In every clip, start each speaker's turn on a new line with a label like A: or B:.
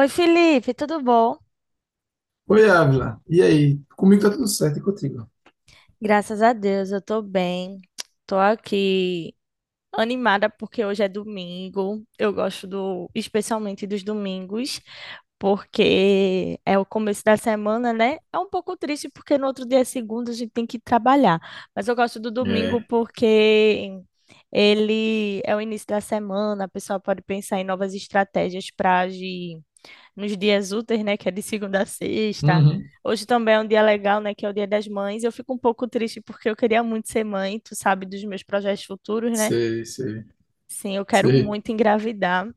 A: Oi, Felipe, tudo bom?
B: Oi, Ávila. E aí? Comigo tá tudo certo e contigo?
A: Graças a Deus, eu tô bem. Tô aqui animada porque hoje é domingo. Eu gosto especialmente dos domingos, porque é o começo da semana, né? É um pouco triste porque no outro dia é segunda, a gente tem que trabalhar. Mas eu gosto do domingo
B: É,
A: porque ele é o início da semana, a pessoa pode pensar em novas estratégias para agir nos dias úteis, né? Que é de segunda a sexta.
B: Uhum.
A: Hoje também é um dia legal, né? Que é o Dia das Mães. Eu fico um pouco triste porque eu queria muito ser mãe, tu sabe, dos meus projetos futuros, né?
B: Sei, sei,
A: Sim, eu quero
B: sei.
A: muito engravidar.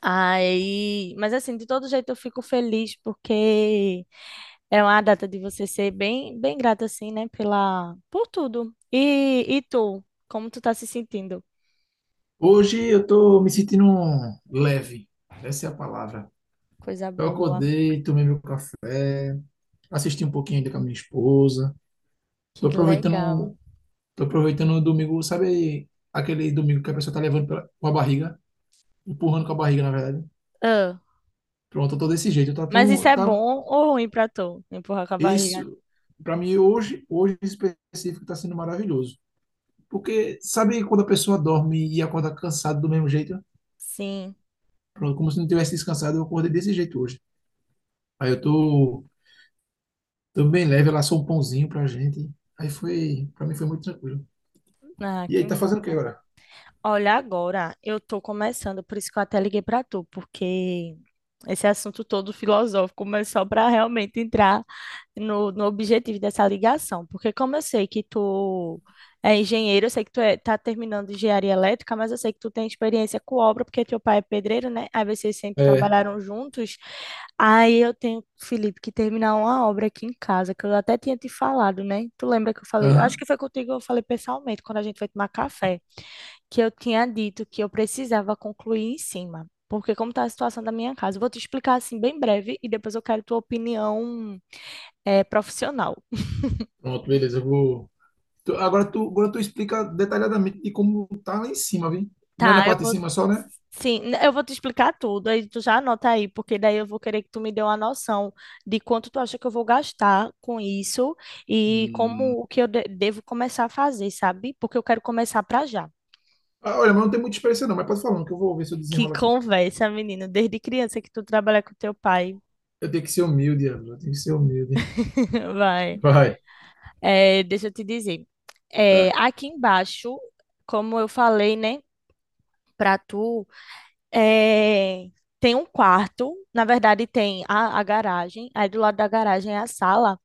A: Aí, mas assim, de todo jeito eu fico feliz porque é uma data de você ser bem, bem grata assim, né, pela por tudo. E tu, como tu tá se sentindo?
B: Hoje eu tô me sentindo leve. Essa é a palavra.
A: Coisa
B: Eu
A: boa,
B: acordei, tomei meu café, assisti um pouquinho ainda com a minha esposa. Tô
A: que legal.
B: aproveitando, tô aproveitando o domingo, sabe aquele domingo que a pessoa tá levando com a barriga, empurrando com a barriga, na verdade.
A: Ah,
B: Pronto, eu tô desse jeito.
A: mas isso é
B: Tá
A: bom ou ruim pra tu? Empurrar com a barriga?
B: isso. Pra mim hoje em específico tá sendo maravilhoso. Porque sabe quando a pessoa dorme e acorda cansado do mesmo jeito?
A: Sim.
B: Pronto, como se não tivesse descansado, eu acordei desse jeito hoje. Aí eu tô, tô bem leve, ela assou um pãozinho pra gente. Aí foi, pra mim foi muito tranquilo.
A: Ah,
B: E
A: que
B: aí, tá fazendo o que
A: mata.
B: agora?
A: Olha, agora eu tô começando, por isso que eu até liguei pra tu, porque esse assunto todo filosófico, mas só para realmente entrar no objetivo dessa ligação. Porque como eu sei que tu é engenheiro, eu sei que tá terminando engenharia elétrica, mas eu sei que tu tem experiência com obra, porque teu pai é pedreiro, né? Aí vocês sempre
B: É,
A: trabalharam juntos. Aí eu tenho, Felipe, que terminar uma obra aqui em casa, que eu até tinha te falado, né? Tu lembra que eu falei? Acho
B: aham.
A: que foi contigo que eu falei pessoalmente, quando a gente foi tomar café que eu tinha dito que eu precisava concluir em cima. Porque como está a situação da minha casa? Eu vou te explicar assim bem breve e depois eu quero tua opinião profissional.
B: Pronto, beleza, eu vou. Agora tu explica detalhadamente de como tá lá em cima, viu? Não é na
A: Tá, eu
B: parte de
A: vou.
B: cima só, né?
A: Sim, eu vou te explicar tudo, aí tu já anota aí, porque daí eu vou querer que tu me dê uma noção de quanto tu acha que eu vou gastar com isso e
B: Hum.
A: como o que eu devo começar a fazer, sabe? Porque eu quero começar pra já.
B: Ah, olha, mas não tem muita experiência não, mas pode falar, que eu vou ver se eu
A: Que
B: desenrolo aqui.
A: conversa, menino, desde criança que tu trabalha com teu pai.
B: Eu tenho que ser humilde, Ávila, eu tenho que ser humilde.
A: Vai.
B: Vai.
A: É, deixa eu te dizer.
B: Tá.
A: Aqui embaixo, como eu falei, né, para tu, é, tem um quarto, na verdade tem a garagem, aí do lado da garagem é a sala.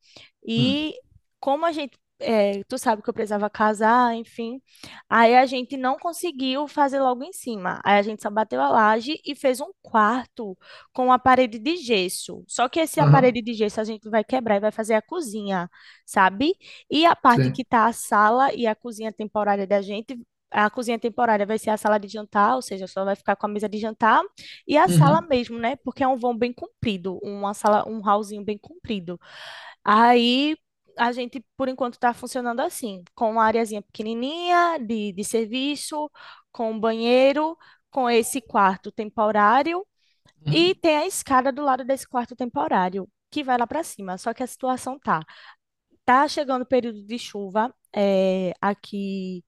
B: Hum.
A: E como a gente, tu sabe que eu precisava casar, enfim, aí a gente não conseguiu fazer logo em cima. Aí a gente só bateu a laje e fez um quarto com a parede de gesso. Só que esse
B: Aham,
A: parede de gesso a gente vai quebrar e vai fazer a cozinha, sabe? E a parte
B: sim.
A: que tá a sala e a cozinha temporária da gente a cozinha temporária vai ser a sala de jantar, ou seja, só vai ficar com a mesa de jantar e a sala
B: Uhum.
A: mesmo, né? Porque é um vão bem comprido, uma sala, um hallzinho bem comprido. Aí a gente, por enquanto, está funcionando assim, com uma areazinha pequenininha de serviço, com um banheiro, com esse quarto temporário e
B: Uhum.
A: tem a escada do lado desse quarto temporário que vai lá para cima. Só que a situação tá. Tá chegando o período de chuva aqui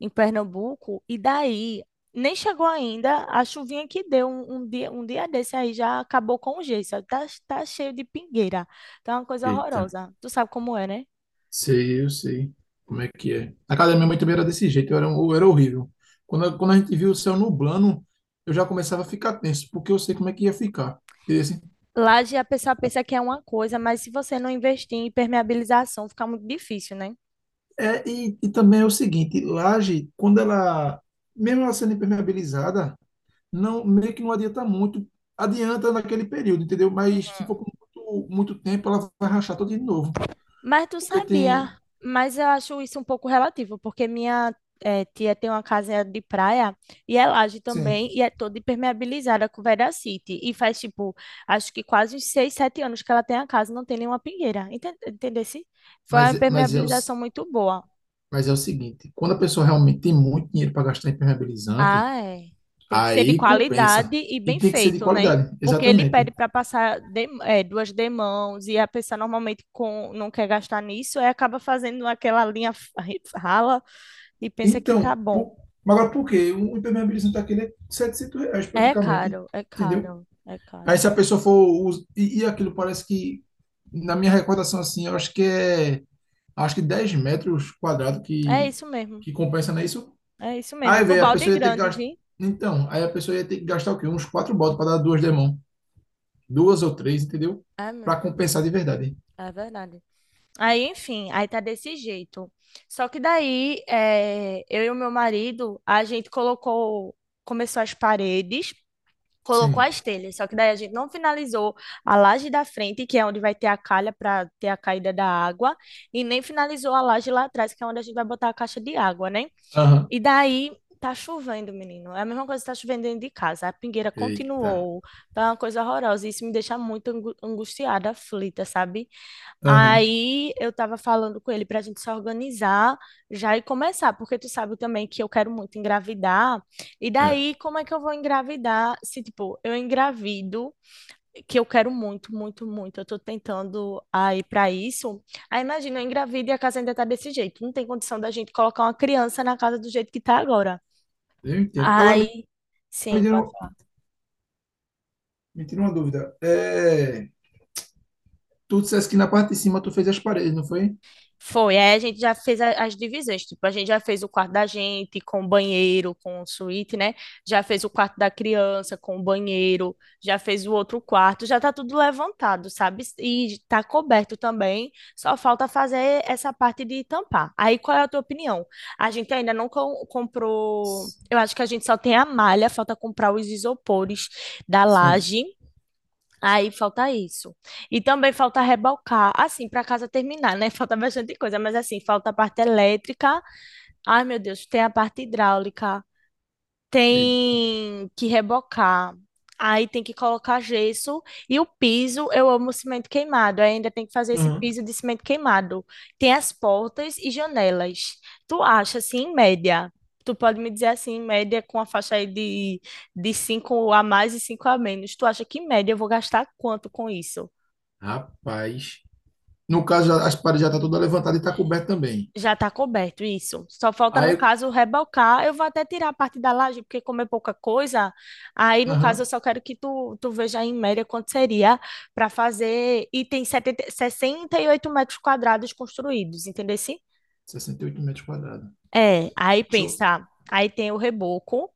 A: em Pernambuco, e daí nem chegou ainda a chuvinha que deu um dia desse aí já acabou com o gesso, tá cheio de pingueira, tá uma coisa
B: Eita,
A: horrorosa. Tu sabe como é, né?
B: sei, eu sei como é que é. Na casa da minha mãe também era desse jeito, eu era horrível. Quando a gente viu o céu nublando, eu já começava a ficar tenso, porque eu sei como é que ia ficar. E, assim,
A: Laje a pessoa pensa que é uma coisa, mas se você não investir em impermeabilização, fica muito difícil, né?
B: e também é o seguinte, mesmo ela sendo impermeabilizada, não, meio que não adianta muito, adianta naquele período, entendeu? Mas se for
A: Uhum.
B: por muito, muito tempo, ela vai rachar toda de novo,
A: Mas tu
B: porque
A: sabia,
B: tem...
A: mas eu acho isso um pouco relativo, porque minha tia tem uma casa de praia e é laje
B: Sim.
A: também, e é toda impermeabilizada com veracity. E faz, tipo, acho que quase uns 6, 7 anos que ela tem a casa, não tem nenhuma pingueira. Enten- Entendesse? Foi uma
B: Mas, mas é o,
A: impermeabilização muito boa.
B: mas é o seguinte, quando a pessoa realmente tem muito dinheiro para gastar em impermeabilizante,
A: Ah, é. Tem que ser de
B: aí compensa.
A: qualidade e
B: E
A: bem
B: tem que ser de
A: feito, né?
B: qualidade,
A: Porque ele pede
B: exatamente.
A: para passar duas demãos e a pessoa normalmente com, não quer gastar nisso, aí acaba fazendo aquela linha rala. E pensa que tá
B: Então,
A: bom.
B: por- mas agora por quê? Um impermeabilizante daquele é R$ reais
A: É
B: praticamente,
A: caro, é
B: entendeu?
A: caro, é
B: Aí
A: caro.
B: se a pessoa for... us- E, e aquilo parece que, na minha recordação, assim, eu acho que é... Acho que 10 metros quadrados
A: É isso mesmo,
B: que compensa, não é isso?
A: é isso mesmo.
B: Aí,
A: Do
B: velho, a
A: balde
B: pessoa ia ter que
A: grande,
B: gastar...
A: vi?
B: Então, aí a pessoa ia ter que gastar o quê? Uns 4 botas para dar duas demãos. Duas ou três, entendeu?
A: É
B: Para
A: mesmo,
B: compensar de verdade.
A: é verdade. Aí, enfim, aí tá desse jeito. Só que daí, eu e o meu marido, começou as paredes, colocou
B: Sim.
A: as telhas. Só que daí a gente não finalizou a laje da frente, que é onde vai ter a calha para ter a caída da água, e nem finalizou a laje lá atrás, que é onde a gente vai botar a caixa de água, né?
B: Aham.
A: E daí tá chovendo, menino. É a mesma coisa que tá chovendo dentro de casa. A pingueira
B: Eita.
A: continuou. Tá uma coisa horrorosa. E isso me deixa muito angustiada, aflita, sabe?
B: Aham.
A: Aí eu tava falando com ele pra gente se organizar já e começar, porque tu sabe também que eu quero muito engravidar. E
B: É,
A: daí, como é que eu vou engravidar se, tipo, eu engravido? Que eu quero muito, muito, muito. Eu tô tentando aí para isso. Aí imagina, eu engravido e a casa ainda tá desse jeito. Não tem condição da gente colocar uma criança na casa do jeito que tá agora.
B: eu entendo. Agora me,
A: Aí,
B: me
A: sim,
B: tira, me tira uma dúvida. É, tu disseste que na parte de cima tu fez as paredes, não foi?
A: foi, aí a gente já fez as divisões, tipo, a gente já fez o quarto da gente com banheiro, com suíte, né? Já fez o quarto da criança com banheiro, já fez o outro quarto, já tá tudo levantado, sabe? E tá coberto também, só falta fazer essa parte de tampar. Aí qual é a tua opinião? A gente ainda não comprou,
B: S-
A: eu acho que a gente só tem a malha, falta comprar os isopores da
B: Sim.
A: laje. Aí falta isso. E também falta rebocar, assim, para casa terminar, né? Falta bastante coisa, mas assim, falta a parte elétrica. Ai, meu Deus, tem a parte hidráulica,
B: Eita.
A: tem que rebocar. Aí tem que colocar gesso e o piso, eu amo cimento queimado. Aí ainda tem que fazer esse
B: Aham.
A: piso de cimento queimado. Tem as portas e janelas. Tu acha assim, em média? Tu pode me dizer assim, em média, com a faixa aí de 5 a mais e 5 a menos. Tu acha que em média eu vou gastar quanto com isso?
B: Rapaz. No caso, as paredes já estão toda levantada e está coberto também.
A: Já está coberto, isso. Só falta, no
B: Aí,
A: caso, rebocar. Eu vou até tirar a parte da laje, porque como é pouca coisa, aí, no caso, eu
B: aham,
A: só quero que tu, tu veja em média quanto seria para fazer. E tem setenta 68 metros quadrados construídos, entendeu? Sim?
B: 68 metros quadrados.
A: É, aí
B: Deixa eu,
A: pensa, aí tem o reboco,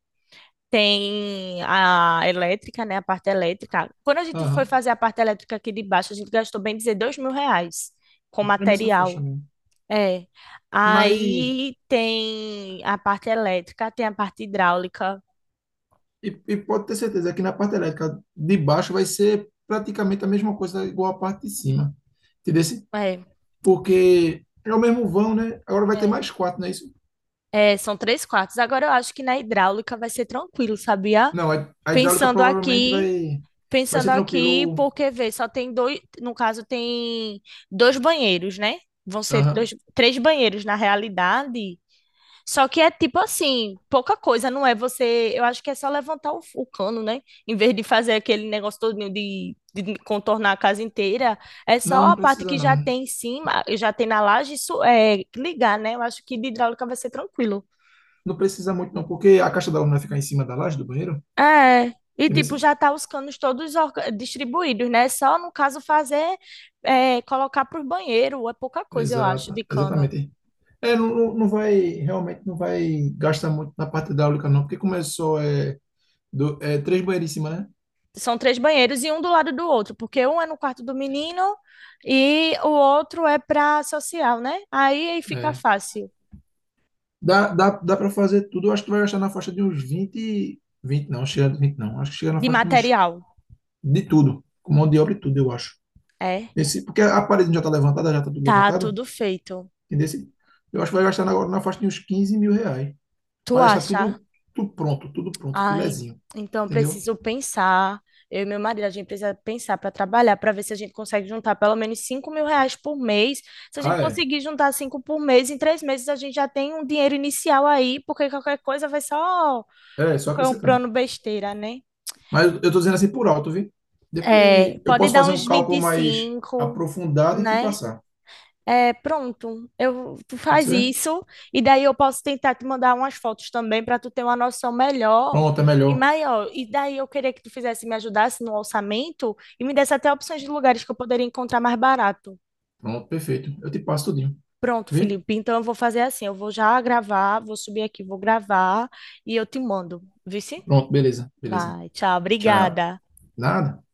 A: tem a elétrica, né, a parte elétrica. Quando a gente foi
B: aham,
A: fazer a parte elétrica aqui de baixo, a gente gastou, bem dizer, R$ 2.000 com
B: é nessa faixa
A: material.
B: mesmo.
A: É.
B: Mas,
A: Aí tem a parte elétrica, tem a parte hidráulica.
B: e pode ter certeza que na parte elétrica de baixo vai ser praticamente a mesma coisa, igual a parte de cima. Entendeu?
A: É,
B: Porque é o mesmo vão, né? Agora vai ter
A: é.
B: mais quatro, não é isso?
A: É, são três quartos. Agora eu acho que na hidráulica vai ser tranquilo, sabia?
B: Não, a hidráulica
A: Pensando
B: provavelmente
A: aqui,
B: vai, vai
A: pensando
B: ser
A: aqui,
B: tranquilo.
A: porque vê, só tem dois, no caso tem dois banheiros, né? Vão ser
B: Aham.
A: dois, três banheiros na realidade. Só que é tipo assim, pouca coisa, não é você. Eu acho que é só levantar o cano, né? Em vez de fazer aquele negócio todinho de contornar a casa inteira, é
B: Não,
A: só
B: não
A: a parte
B: precisa
A: que já
B: não.
A: tem em cima, já tem na laje, isso é ligar, né? Eu acho que de hidráulica vai ser tranquilo.
B: Não precisa muito não, porque a caixa d'água não vai ficar em cima da laje do banheiro,
A: É. E tipo,
B: entendeu?
A: já tá os canos todos distribuídos, né? Só no caso fazer, colocar por banheiro, é pouca coisa, eu acho, de
B: Exato,
A: cano.
B: exatamente. É, não, não não vai, realmente não vai gastar muito na parte hidráulica, não, porque começou é, do, é, três banheiras em cima, né?
A: São três banheiros e um do lado do outro, porque um é no quarto do menino e o outro é para social, né? Aí fica
B: É.
A: fácil.
B: Dá para fazer tudo, eu acho que vai gastar na faixa de uns 20 20 não, chega de 20 não, acho que chega na
A: De
B: faixa de uns,
A: material.
B: de tudo, com mão de obra e tudo, eu acho.
A: É,
B: Esse, porque a parede já está levantada, já está tudo
A: tá
B: levantada,
A: tudo feito.
B: entendeu? Eu acho que vai gastar agora na faixa de uns 15 mil reais,
A: Tu
B: para deixar
A: acha?
B: tudo, tudo pronto,
A: Ai,
B: filezinho,
A: então
B: entendeu?
A: preciso pensar. Eu e meu marido, a gente precisa pensar para trabalhar, para ver se a gente consegue juntar pelo menos R$ 5.000 por mês. Se a gente
B: Ah, é,
A: conseguir juntar 5 por mês, em 3 meses a gente já tem um dinheiro inicial aí, porque qualquer coisa vai só
B: é, só acrescentando.
A: comprando besteira, né?
B: Mas eu estou dizendo assim por alto, viu?
A: É,
B: Depois eu
A: pode
B: posso
A: dar
B: fazer um
A: uns vinte
B: cálculo
A: e
B: mais
A: cinco,
B: aprofundado e te
A: né?
B: passar.
A: É, pronto. Eu, tu
B: Pode
A: faz
B: ser?
A: isso e daí eu posso tentar te mandar umas fotos também para tu ter uma noção melhor
B: Pronto, é
A: e
B: melhor.
A: maior. E daí eu queria que tu fizesse me ajudasse no orçamento e me desse até opções de lugares que eu poderia encontrar mais barato.
B: Pronto, perfeito. Eu te passo tudinho,
A: Pronto,
B: viu?
A: Felipe. Então eu vou fazer assim, eu vou já gravar, vou subir aqui, vou gravar e eu te mando. Viu sim?
B: Pronto, beleza, beleza.
A: Vai, tchau,
B: Tchau.
A: obrigada.
B: Nada.